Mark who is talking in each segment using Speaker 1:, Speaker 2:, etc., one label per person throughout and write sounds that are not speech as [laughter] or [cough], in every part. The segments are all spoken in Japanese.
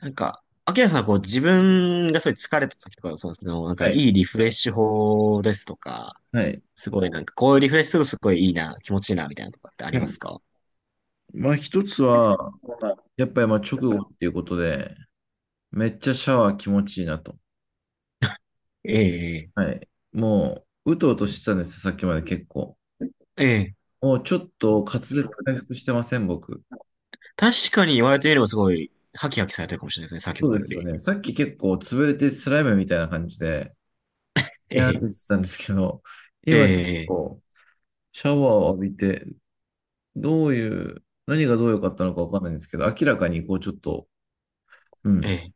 Speaker 1: なんか、秋キさんはこう自分がすごい疲れた時とか、そのなん
Speaker 2: は
Speaker 1: かい
Speaker 2: い。
Speaker 1: いリフレッシュ法ですとか、
Speaker 2: はい。
Speaker 1: すごいなんかこういうリフレッシュするとすごいいいな、気持ちいいなみたいなとかってあ
Speaker 2: は
Speaker 1: りま
Speaker 2: い。
Speaker 1: すか？
Speaker 2: まあ一つは、やっぱりまあ直後っていうことで、めっちゃシャワー気持ちいいなと。
Speaker 1: ええ、
Speaker 2: はい。もう、うとうとしてたんですよ、さっきまで結構。
Speaker 1: ええ。
Speaker 2: もうちょっと滑舌回復してません、僕。
Speaker 1: 確かに言われてみればすごい、ハキハキされてるかもしれないですね、先ほ
Speaker 2: そう
Speaker 1: ど
Speaker 2: で
Speaker 1: よ
Speaker 2: すよ
Speaker 1: り。
Speaker 2: ね。さっき結構潰れてスライムみたいな感じで、い
Speaker 1: え
Speaker 2: やーって
Speaker 1: え、
Speaker 2: してたんですけど、
Speaker 1: え
Speaker 2: 今ちょっ
Speaker 1: え、
Speaker 2: とシャワーを浴びて、どういう、何がどう良かったのかわかんないんですけど、明らかにこうちょっと、う
Speaker 1: え
Speaker 2: ん、
Speaker 1: え。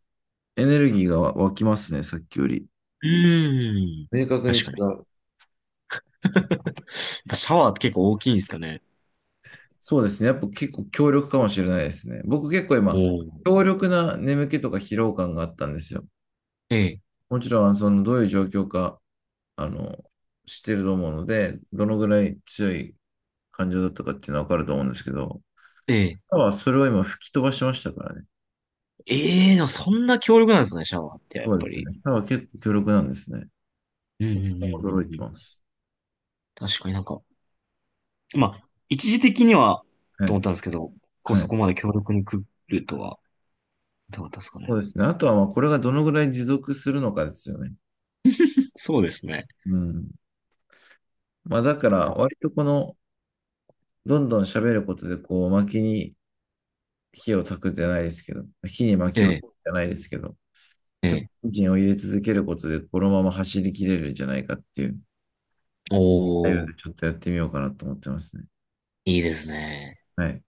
Speaker 2: エネルギーが湧きますね、さっきより。
Speaker 1: うーん。
Speaker 2: 明確に
Speaker 1: 確
Speaker 2: 違
Speaker 1: かに。[laughs]
Speaker 2: う。
Speaker 1: やっぱシャワーって結構大きいんですかね？
Speaker 2: そうですね。やっぱ結構強力かもしれないですね。僕結構今、
Speaker 1: おお。
Speaker 2: 強力な眠気とか疲労感があったんですよ。
Speaker 1: ええ、
Speaker 2: もちろん、どういう状況か、あの、知ってると思うので、どのぐらい強い感情だったかっていうのはわかると思うんですけど、
Speaker 1: ええ。
Speaker 2: 歯はそれを今吹き飛ばしましたからね。
Speaker 1: ええ、でもそんな強力なんですね、シャワーって、やっ
Speaker 2: そうで
Speaker 1: ぱ
Speaker 2: す
Speaker 1: り。
Speaker 2: ね。歯は結構強力なんですね。
Speaker 1: うん、うん、うん、う
Speaker 2: 驚い
Speaker 1: ん
Speaker 2: て
Speaker 1: うん。
Speaker 2: ます。
Speaker 1: 確かになんか、まあ、一時的には
Speaker 2: は
Speaker 1: と思った
Speaker 2: い。
Speaker 1: んですけど、こう
Speaker 2: は
Speaker 1: そ
Speaker 2: い。
Speaker 1: こまで強力に来るとは、どうだったですかね。
Speaker 2: そうですね。あとは、まあ、これがどのぐらい持続するのかですよね。
Speaker 1: そうですね。
Speaker 2: うん。まあ、だから、
Speaker 1: はい、
Speaker 2: 割とこの、どんどん喋ることで、こう、巻きに、火を焚くじゃないですけど、火に
Speaker 1: え
Speaker 2: 薪を焚く
Speaker 1: え、
Speaker 2: じゃないですけど、
Speaker 1: え
Speaker 2: ちょっと
Speaker 1: え。
Speaker 2: エンジンを入れ続けることで、このまま走り切れるんじゃないかっていう、態度
Speaker 1: おー、
Speaker 2: でちょっとやってみようかなと思ってますね。
Speaker 1: いいですね。
Speaker 2: はい。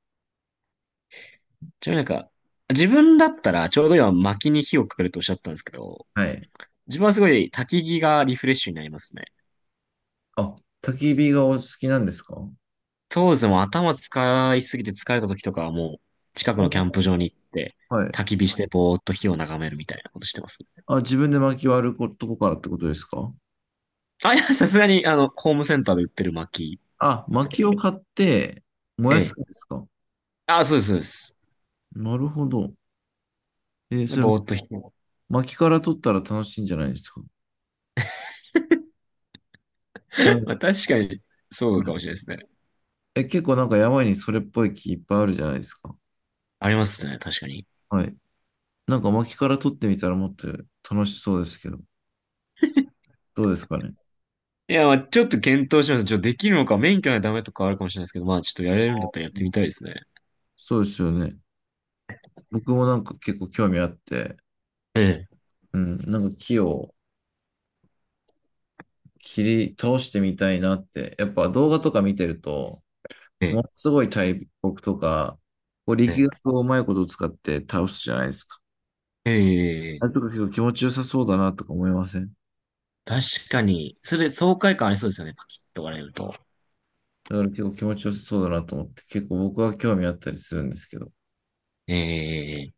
Speaker 1: ちなみになんか、自分だったらちょうど今薪に火をかけるとおっしゃったんですけど、
Speaker 2: はい。
Speaker 1: 自分はすごい焚き木がリフレッシュになりますね。
Speaker 2: あ、焚き火がお好きなんですか？
Speaker 1: 当時も頭使いすぎて疲れた時とかはもう近くのキャンプ場に行って
Speaker 2: はい。
Speaker 1: 焚き火してぼーっと火を眺めるみたいなことしてますね。
Speaker 2: あ、自分で薪割ることこからってことですか？
Speaker 1: あ、いや、さすがにあの、ホームセンターで売ってる薪
Speaker 2: あ、
Speaker 1: って。
Speaker 2: 薪を買って燃
Speaker 1: え
Speaker 2: やすんで
Speaker 1: え。
Speaker 2: すか？
Speaker 1: あ、そうです、そうです。
Speaker 2: なるほど。
Speaker 1: で
Speaker 2: それ、
Speaker 1: ぼーっと弾く。
Speaker 2: 薪から取ったら楽しいんじゃないですか？だは
Speaker 1: [laughs] まあ
Speaker 2: い。
Speaker 1: 確かに、そうかもしれないですね。
Speaker 2: え、結構なんか山にそれっぽい木いっぱいあるじゃないですか。
Speaker 1: ありますね、確かに。
Speaker 2: はい。なんか薪から取ってみたらもっと楽しそうですけど、どうですかね。
Speaker 1: いや、まあちょっと検討します。ちょっとできるのか、免許がダメとかあるかもしれないですけど、まあちょっとやれるんだったらやっ
Speaker 2: う
Speaker 1: て
Speaker 2: ん。
Speaker 1: みたいですね。
Speaker 2: そうですよね。僕もなんか結構興味あって、
Speaker 1: ええ、
Speaker 2: うん、なんか木を切り倒してみたいなって、やっぱ動画とか見てると、
Speaker 1: え
Speaker 2: も
Speaker 1: え、
Speaker 2: のすごい大木とか、こう
Speaker 1: ええ、
Speaker 2: 力学をうまいこと使って倒すじゃないですか。
Speaker 1: ええ、え
Speaker 2: あれと
Speaker 1: え、
Speaker 2: か結構気持ちよさそうだなとか思いません
Speaker 1: 確かに。それ、爽快感ありそうですよね、パキッと割れると。
Speaker 2: だから結構気持ちよさそうだなと思って、結構僕は興味あったりするんですけど。
Speaker 1: ええ、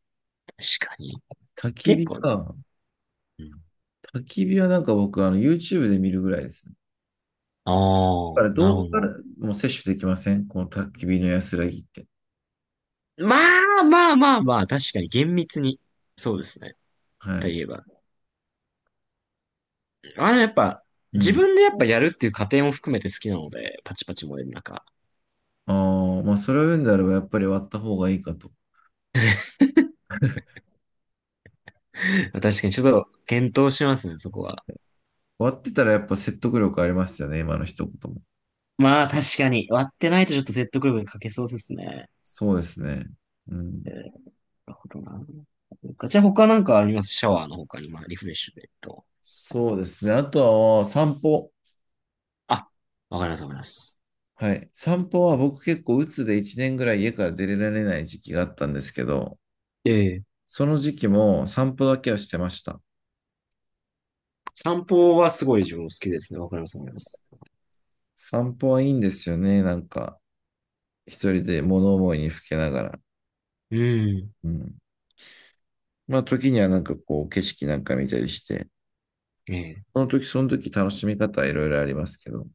Speaker 1: 確かに。
Speaker 2: 焚き
Speaker 1: 結
Speaker 2: 火
Speaker 1: 構、
Speaker 2: か。
Speaker 1: うん、
Speaker 2: 焚き火はなんか僕YouTube で見るぐらいですね。
Speaker 1: ああ、
Speaker 2: から
Speaker 1: な
Speaker 2: ど
Speaker 1: るほ
Speaker 2: こから
Speaker 1: ど。
Speaker 2: も摂取できませんこの焚き火の安らぎって。
Speaker 1: まあまあまあまあ、確かに厳密に。そうですね。
Speaker 2: は
Speaker 1: と
Speaker 2: い。
Speaker 1: いえば。あ、でもやっぱ、
Speaker 2: う
Speaker 1: 自
Speaker 2: ん。
Speaker 1: 分でやっぱやるっていう過程も含めて好きなので、パチパチ燃える中。
Speaker 2: ああ、まあ、それを言うんであれば、やっぱり割った方がいいかと。
Speaker 1: [laughs] 確かにちょっと検討しますね、そこは。
Speaker 2: 割ってたらやっぱ説得力ありますよね、今の一言も。
Speaker 1: まあ確かに、割ってないとちょっと説得力に欠けそうですね。
Speaker 2: そうですね。う
Speaker 1: えー
Speaker 2: ん。
Speaker 1: なるほどな。じゃあ他なんかありますシャワーの他に、まあリフレッシュでと。
Speaker 2: そうですね。あとは散歩。
Speaker 1: あ、わかりますわかります。
Speaker 2: はい。散歩は僕結構鬱で1年ぐらい家から出られない時期があったんですけど、
Speaker 1: ええ、
Speaker 2: その時期も散歩だけはしてました。
Speaker 1: 散歩はすごい自分も好きですね。わかりますわかります。
Speaker 2: 散歩はいいんですよね。なんか、一人で物思いにふけながら。
Speaker 1: うん。
Speaker 2: うん。まあ、時にはなんかこう、景色なんか見たりして、
Speaker 1: ええ、
Speaker 2: その時その時楽しみ方はいろいろありますけど。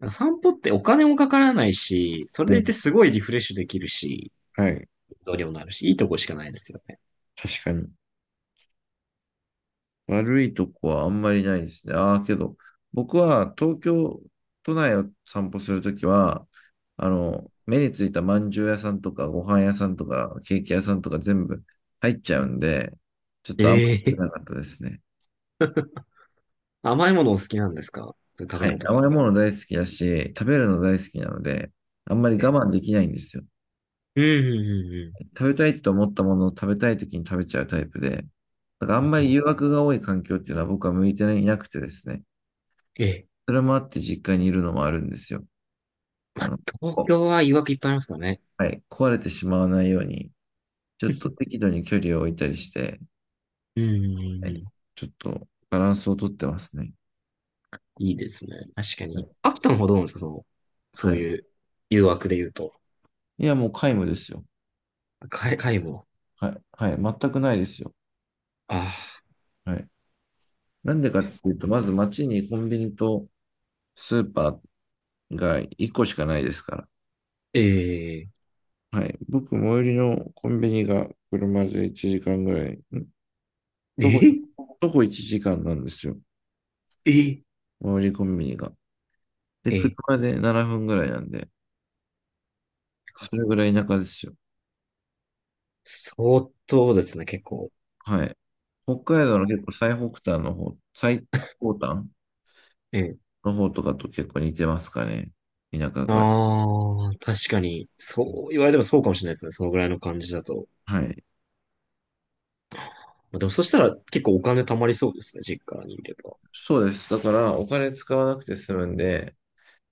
Speaker 1: なんか散歩ってお金もかからないし、それ
Speaker 2: う
Speaker 1: でい
Speaker 2: ん。
Speaker 1: てすごいリフレッシュできるし、
Speaker 2: はい。
Speaker 1: どうにもなるし、いいとこしかないですよ。
Speaker 2: 確かに。悪いとこはあんまりないですね。ああ、けど、僕は東京都内を散歩するときは、目についたまんじゅう屋さんとか、ご飯屋さんとか、ケーキ屋さんとか全部入っちゃうんで、ちょっとあんまり良く
Speaker 1: ええ、
Speaker 2: なかったですね。
Speaker 1: 甘いものお好きなんですか？食
Speaker 2: は
Speaker 1: べ物
Speaker 2: い。
Speaker 1: と
Speaker 2: 甘
Speaker 1: か。
Speaker 2: いもの大好きだし、食べるの大好きなので、あんまり
Speaker 1: ええ。
Speaker 2: 我慢できないんですよ。
Speaker 1: うんうん
Speaker 2: 食べたいと思ったものを食べたい時に食べちゃうタイプで、だからあ
Speaker 1: う
Speaker 2: ん
Speaker 1: ん
Speaker 2: ま
Speaker 1: うん。う
Speaker 2: り
Speaker 1: んうん、
Speaker 2: 誘惑が多い環境っていうのは僕は向いていなくてですね。
Speaker 1: ええ。
Speaker 2: それもあって実家にいるのもあるんですよ。
Speaker 1: ま
Speaker 2: あ
Speaker 1: あ、
Speaker 2: の、
Speaker 1: 東
Speaker 2: こ
Speaker 1: 京は誘惑いっぱいありますからね。
Speaker 2: はい、壊れてしまわないように、ちょっと適度に距離を置いたりして、
Speaker 1: うんうんうん
Speaker 2: は
Speaker 1: う
Speaker 2: い、
Speaker 1: ん。
Speaker 2: ちょっとバランスをとってますね。
Speaker 1: いいですね。確か
Speaker 2: はい。
Speaker 1: に。秋田の方どうなんですか、その、そ
Speaker 2: は
Speaker 1: う
Speaker 2: い。
Speaker 1: いう誘惑で言うと？
Speaker 2: いや、もう皆無ですよ。
Speaker 1: かい、も。
Speaker 2: はい。はい。全くないですよ。
Speaker 1: ああ。
Speaker 2: はい。なんでかっていうと、まず街にコンビニとスーパーが1個しかないですから。
Speaker 1: ええ。
Speaker 2: はい。僕、最寄りのコンビニが車で1時間ぐらい、
Speaker 1: え
Speaker 2: 徒歩、
Speaker 1: え。
Speaker 2: 徒歩1時間なんですよ。
Speaker 1: ええ。
Speaker 2: 最寄りコンビニが。で、
Speaker 1: ええ、
Speaker 2: 車で7分ぐらいなんで、それぐらい田舎ですよ。
Speaker 1: 相当ですね、結構。
Speaker 2: はい。北海道の結構最北端の方、最高端
Speaker 1: ええ。
Speaker 2: の方とかと結構似てますかね。田舎が。
Speaker 1: ああ、確かに。そう言われてもそうかもしれないですね。そのぐらいの感じだと。
Speaker 2: はい。
Speaker 1: まあ、でもそしたら結構お金貯まりそうですね、実家にいれば。
Speaker 2: そうです。だから、お金使わなくて済むんで、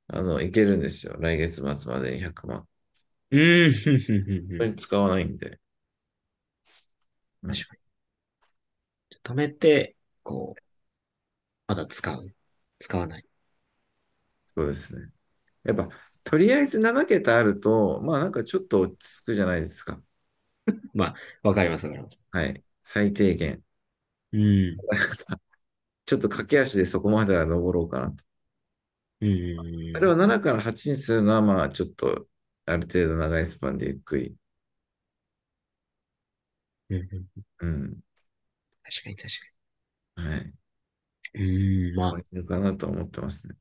Speaker 2: いけるんですよ。来月末までに100万。
Speaker 1: うーん、ふんふんふんふ
Speaker 2: 本当
Speaker 1: ん。
Speaker 2: に使わないんで。うん。
Speaker 1: 確かに。貯めて、こう、まだ使う。使わない。
Speaker 2: そうですね。やっぱ、とりあえず7桁あると、まあなんかちょっと落ち着くじゃないですか。
Speaker 1: まあ、わかります、わかります。
Speaker 2: はい。最低限。
Speaker 1: うん。
Speaker 2: [laughs] ちょっと駆け足でそこまでは登ろうかなと。
Speaker 1: う
Speaker 2: それ
Speaker 1: ん。
Speaker 2: を7から8にするのは、まあちょっと、ある程度長いスパンでゆっくり、
Speaker 1: うん。うん、
Speaker 2: うん。
Speaker 1: 確かに、確、
Speaker 2: はい。
Speaker 1: うん、かに。うんま
Speaker 2: 終
Speaker 1: あ、
Speaker 2: われるかなと思ってますね。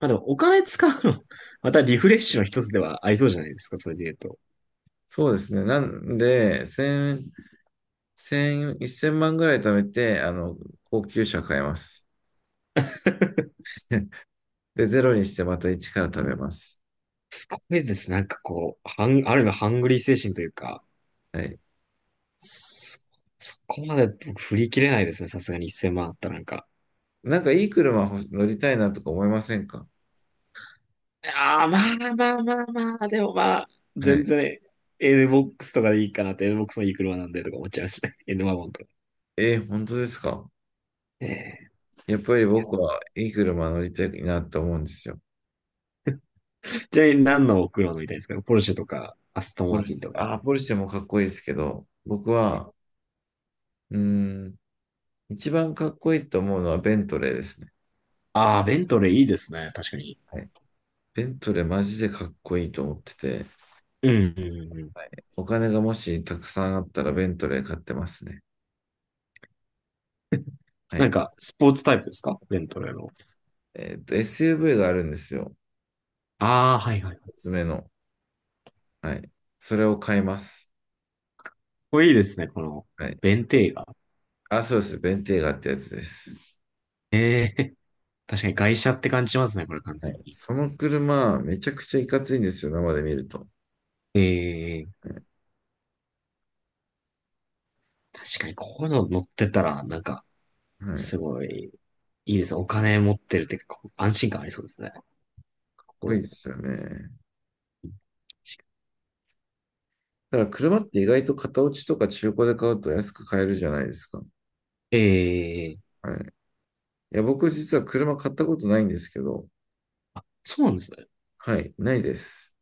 Speaker 1: まあでも、お金使うの [laughs] またリフレッシュの一つではありそうじゃないですか、それで言うと。
Speaker 2: そうですね。なんで、1000、万ぐらい貯めて、高級車買います。[laughs] で、ゼロにしてまた1から貯めます。
Speaker 1: すごいです。なんかこう、ある意味ハングリー精神というか、
Speaker 2: はい。
Speaker 1: そ、そこまで僕振り切れないですね、さすがに1,000万あったらなんか。
Speaker 2: なんかいい車乗りたいなとか思いませんか？
Speaker 1: ああ、まあまあまあまあ、でもまあ、
Speaker 2: は
Speaker 1: 全
Speaker 2: い。
Speaker 1: 然 NBOX とかでいいかなって、NBOX のいい車なんでとか思っちゃいますね。[laughs] N ワゴンとか。
Speaker 2: 本当ですか？
Speaker 1: ええ、
Speaker 2: やっぱり
Speaker 1: いや、
Speaker 2: 僕はいい車乗りたいなって思うんですよ。
Speaker 1: ちなみに何の車乗りたいですか？ポルシェとか、アストン
Speaker 2: ポ
Speaker 1: マー
Speaker 2: ル
Speaker 1: ティン
Speaker 2: シェ、
Speaker 1: とか。
Speaker 2: あー、ポルシェもかっこいいですけど、僕は、うーん、一番かっこいいと思うのはベントレーですね。
Speaker 1: ああ、ベントレーいいですね。確かに。
Speaker 2: はい。ベントレーマジでかっこいいと思ってて、
Speaker 1: うん、うん、うん。
Speaker 2: はい。お金がもしたくさんあったらベントレー買ってますね。は
Speaker 1: なん
Speaker 2: い。
Speaker 1: か、スポーツタイプですか、ベントレーの？
Speaker 2: SUV があるんですよ。
Speaker 1: ああ、はいはい。
Speaker 2: おつ目の。はい。それを買います。
Speaker 1: これいいですね。この、
Speaker 2: はい。
Speaker 1: ベンテーガ。
Speaker 2: あ、そうです。ベンテーガってやつです。
Speaker 1: ええ。 [laughs] 確かに外車って感じしますね。これ完
Speaker 2: は
Speaker 1: 全
Speaker 2: い。
Speaker 1: に。
Speaker 2: その車、めちゃくちゃいかついんですよ、生で見ると。
Speaker 1: ええ、
Speaker 2: はい。
Speaker 1: 確かにここの乗ってたら、なんか、
Speaker 2: か
Speaker 1: すごい、いいですね。お金持ってるってか、こう安心感ありそうですね。心
Speaker 2: いい
Speaker 1: も。
Speaker 2: ですよね。だから車って意外と型落ちとか中古で買うと安く買えるじゃないですか。
Speaker 1: ええ、
Speaker 2: はい。いや、僕実は車買ったことないんですけど、
Speaker 1: そうなんですね。
Speaker 2: はい、ないです。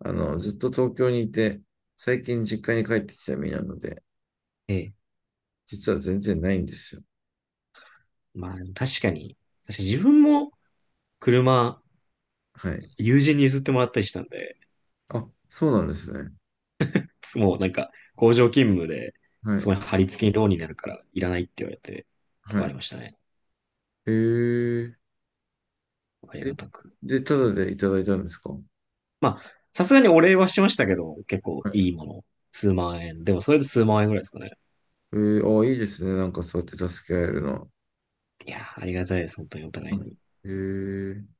Speaker 2: ずっと東京にいて、最近実家に帰ってきた身なので、
Speaker 1: ええ、
Speaker 2: 実は全然ないんですよ。
Speaker 1: まあ、確かに、確かに自分も車、
Speaker 2: はい。
Speaker 1: 友人に譲ってもらったりしたんで、
Speaker 2: あ、そうなんですね。
Speaker 1: もうなんか、工場勤務で、
Speaker 2: は
Speaker 1: そこ
Speaker 2: い。
Speaker 1: に貼り付けにローンになるから、いらないって言われて、と
Speaker 2: は
Speaker 1: かあり
Speaker 2: い。
Speaker 1: ましたね。
Speaker 2: えー、
Speaker 1: あり
Speaker 2: え、
Speaker 1: がたく。
Speaker 2: で、ただでいただいたんですか？は
Speaker 1: まあ、さすがにお礼はしましたけど、結構
Speaker 2: い。
Speaker 1: いいもの。数万円。でも、それで数万円ぐらいですかね。
Speaker 2: あ、いいですね。なんかそうやって助け合えるのは。
Speaker 1: いやー、ありがたいです。本当にお互
Speaker 2: は
Speaker 1: いに。
Speaker 2: い。えー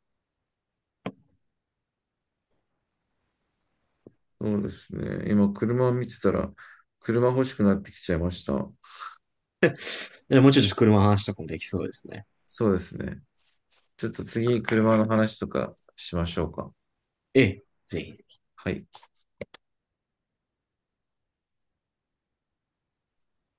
Speaker 2: そうですね。今、車を見てたら、車欲しくなってきちゃいました。
Speaker 1: でもうちょっと車の話とかもできそうですね。
Speaker 2: そうですね。ちょっと次、車の話とかしましょうか。
Speaker 1: ええ、ぜひ。
Speaker 2: はい。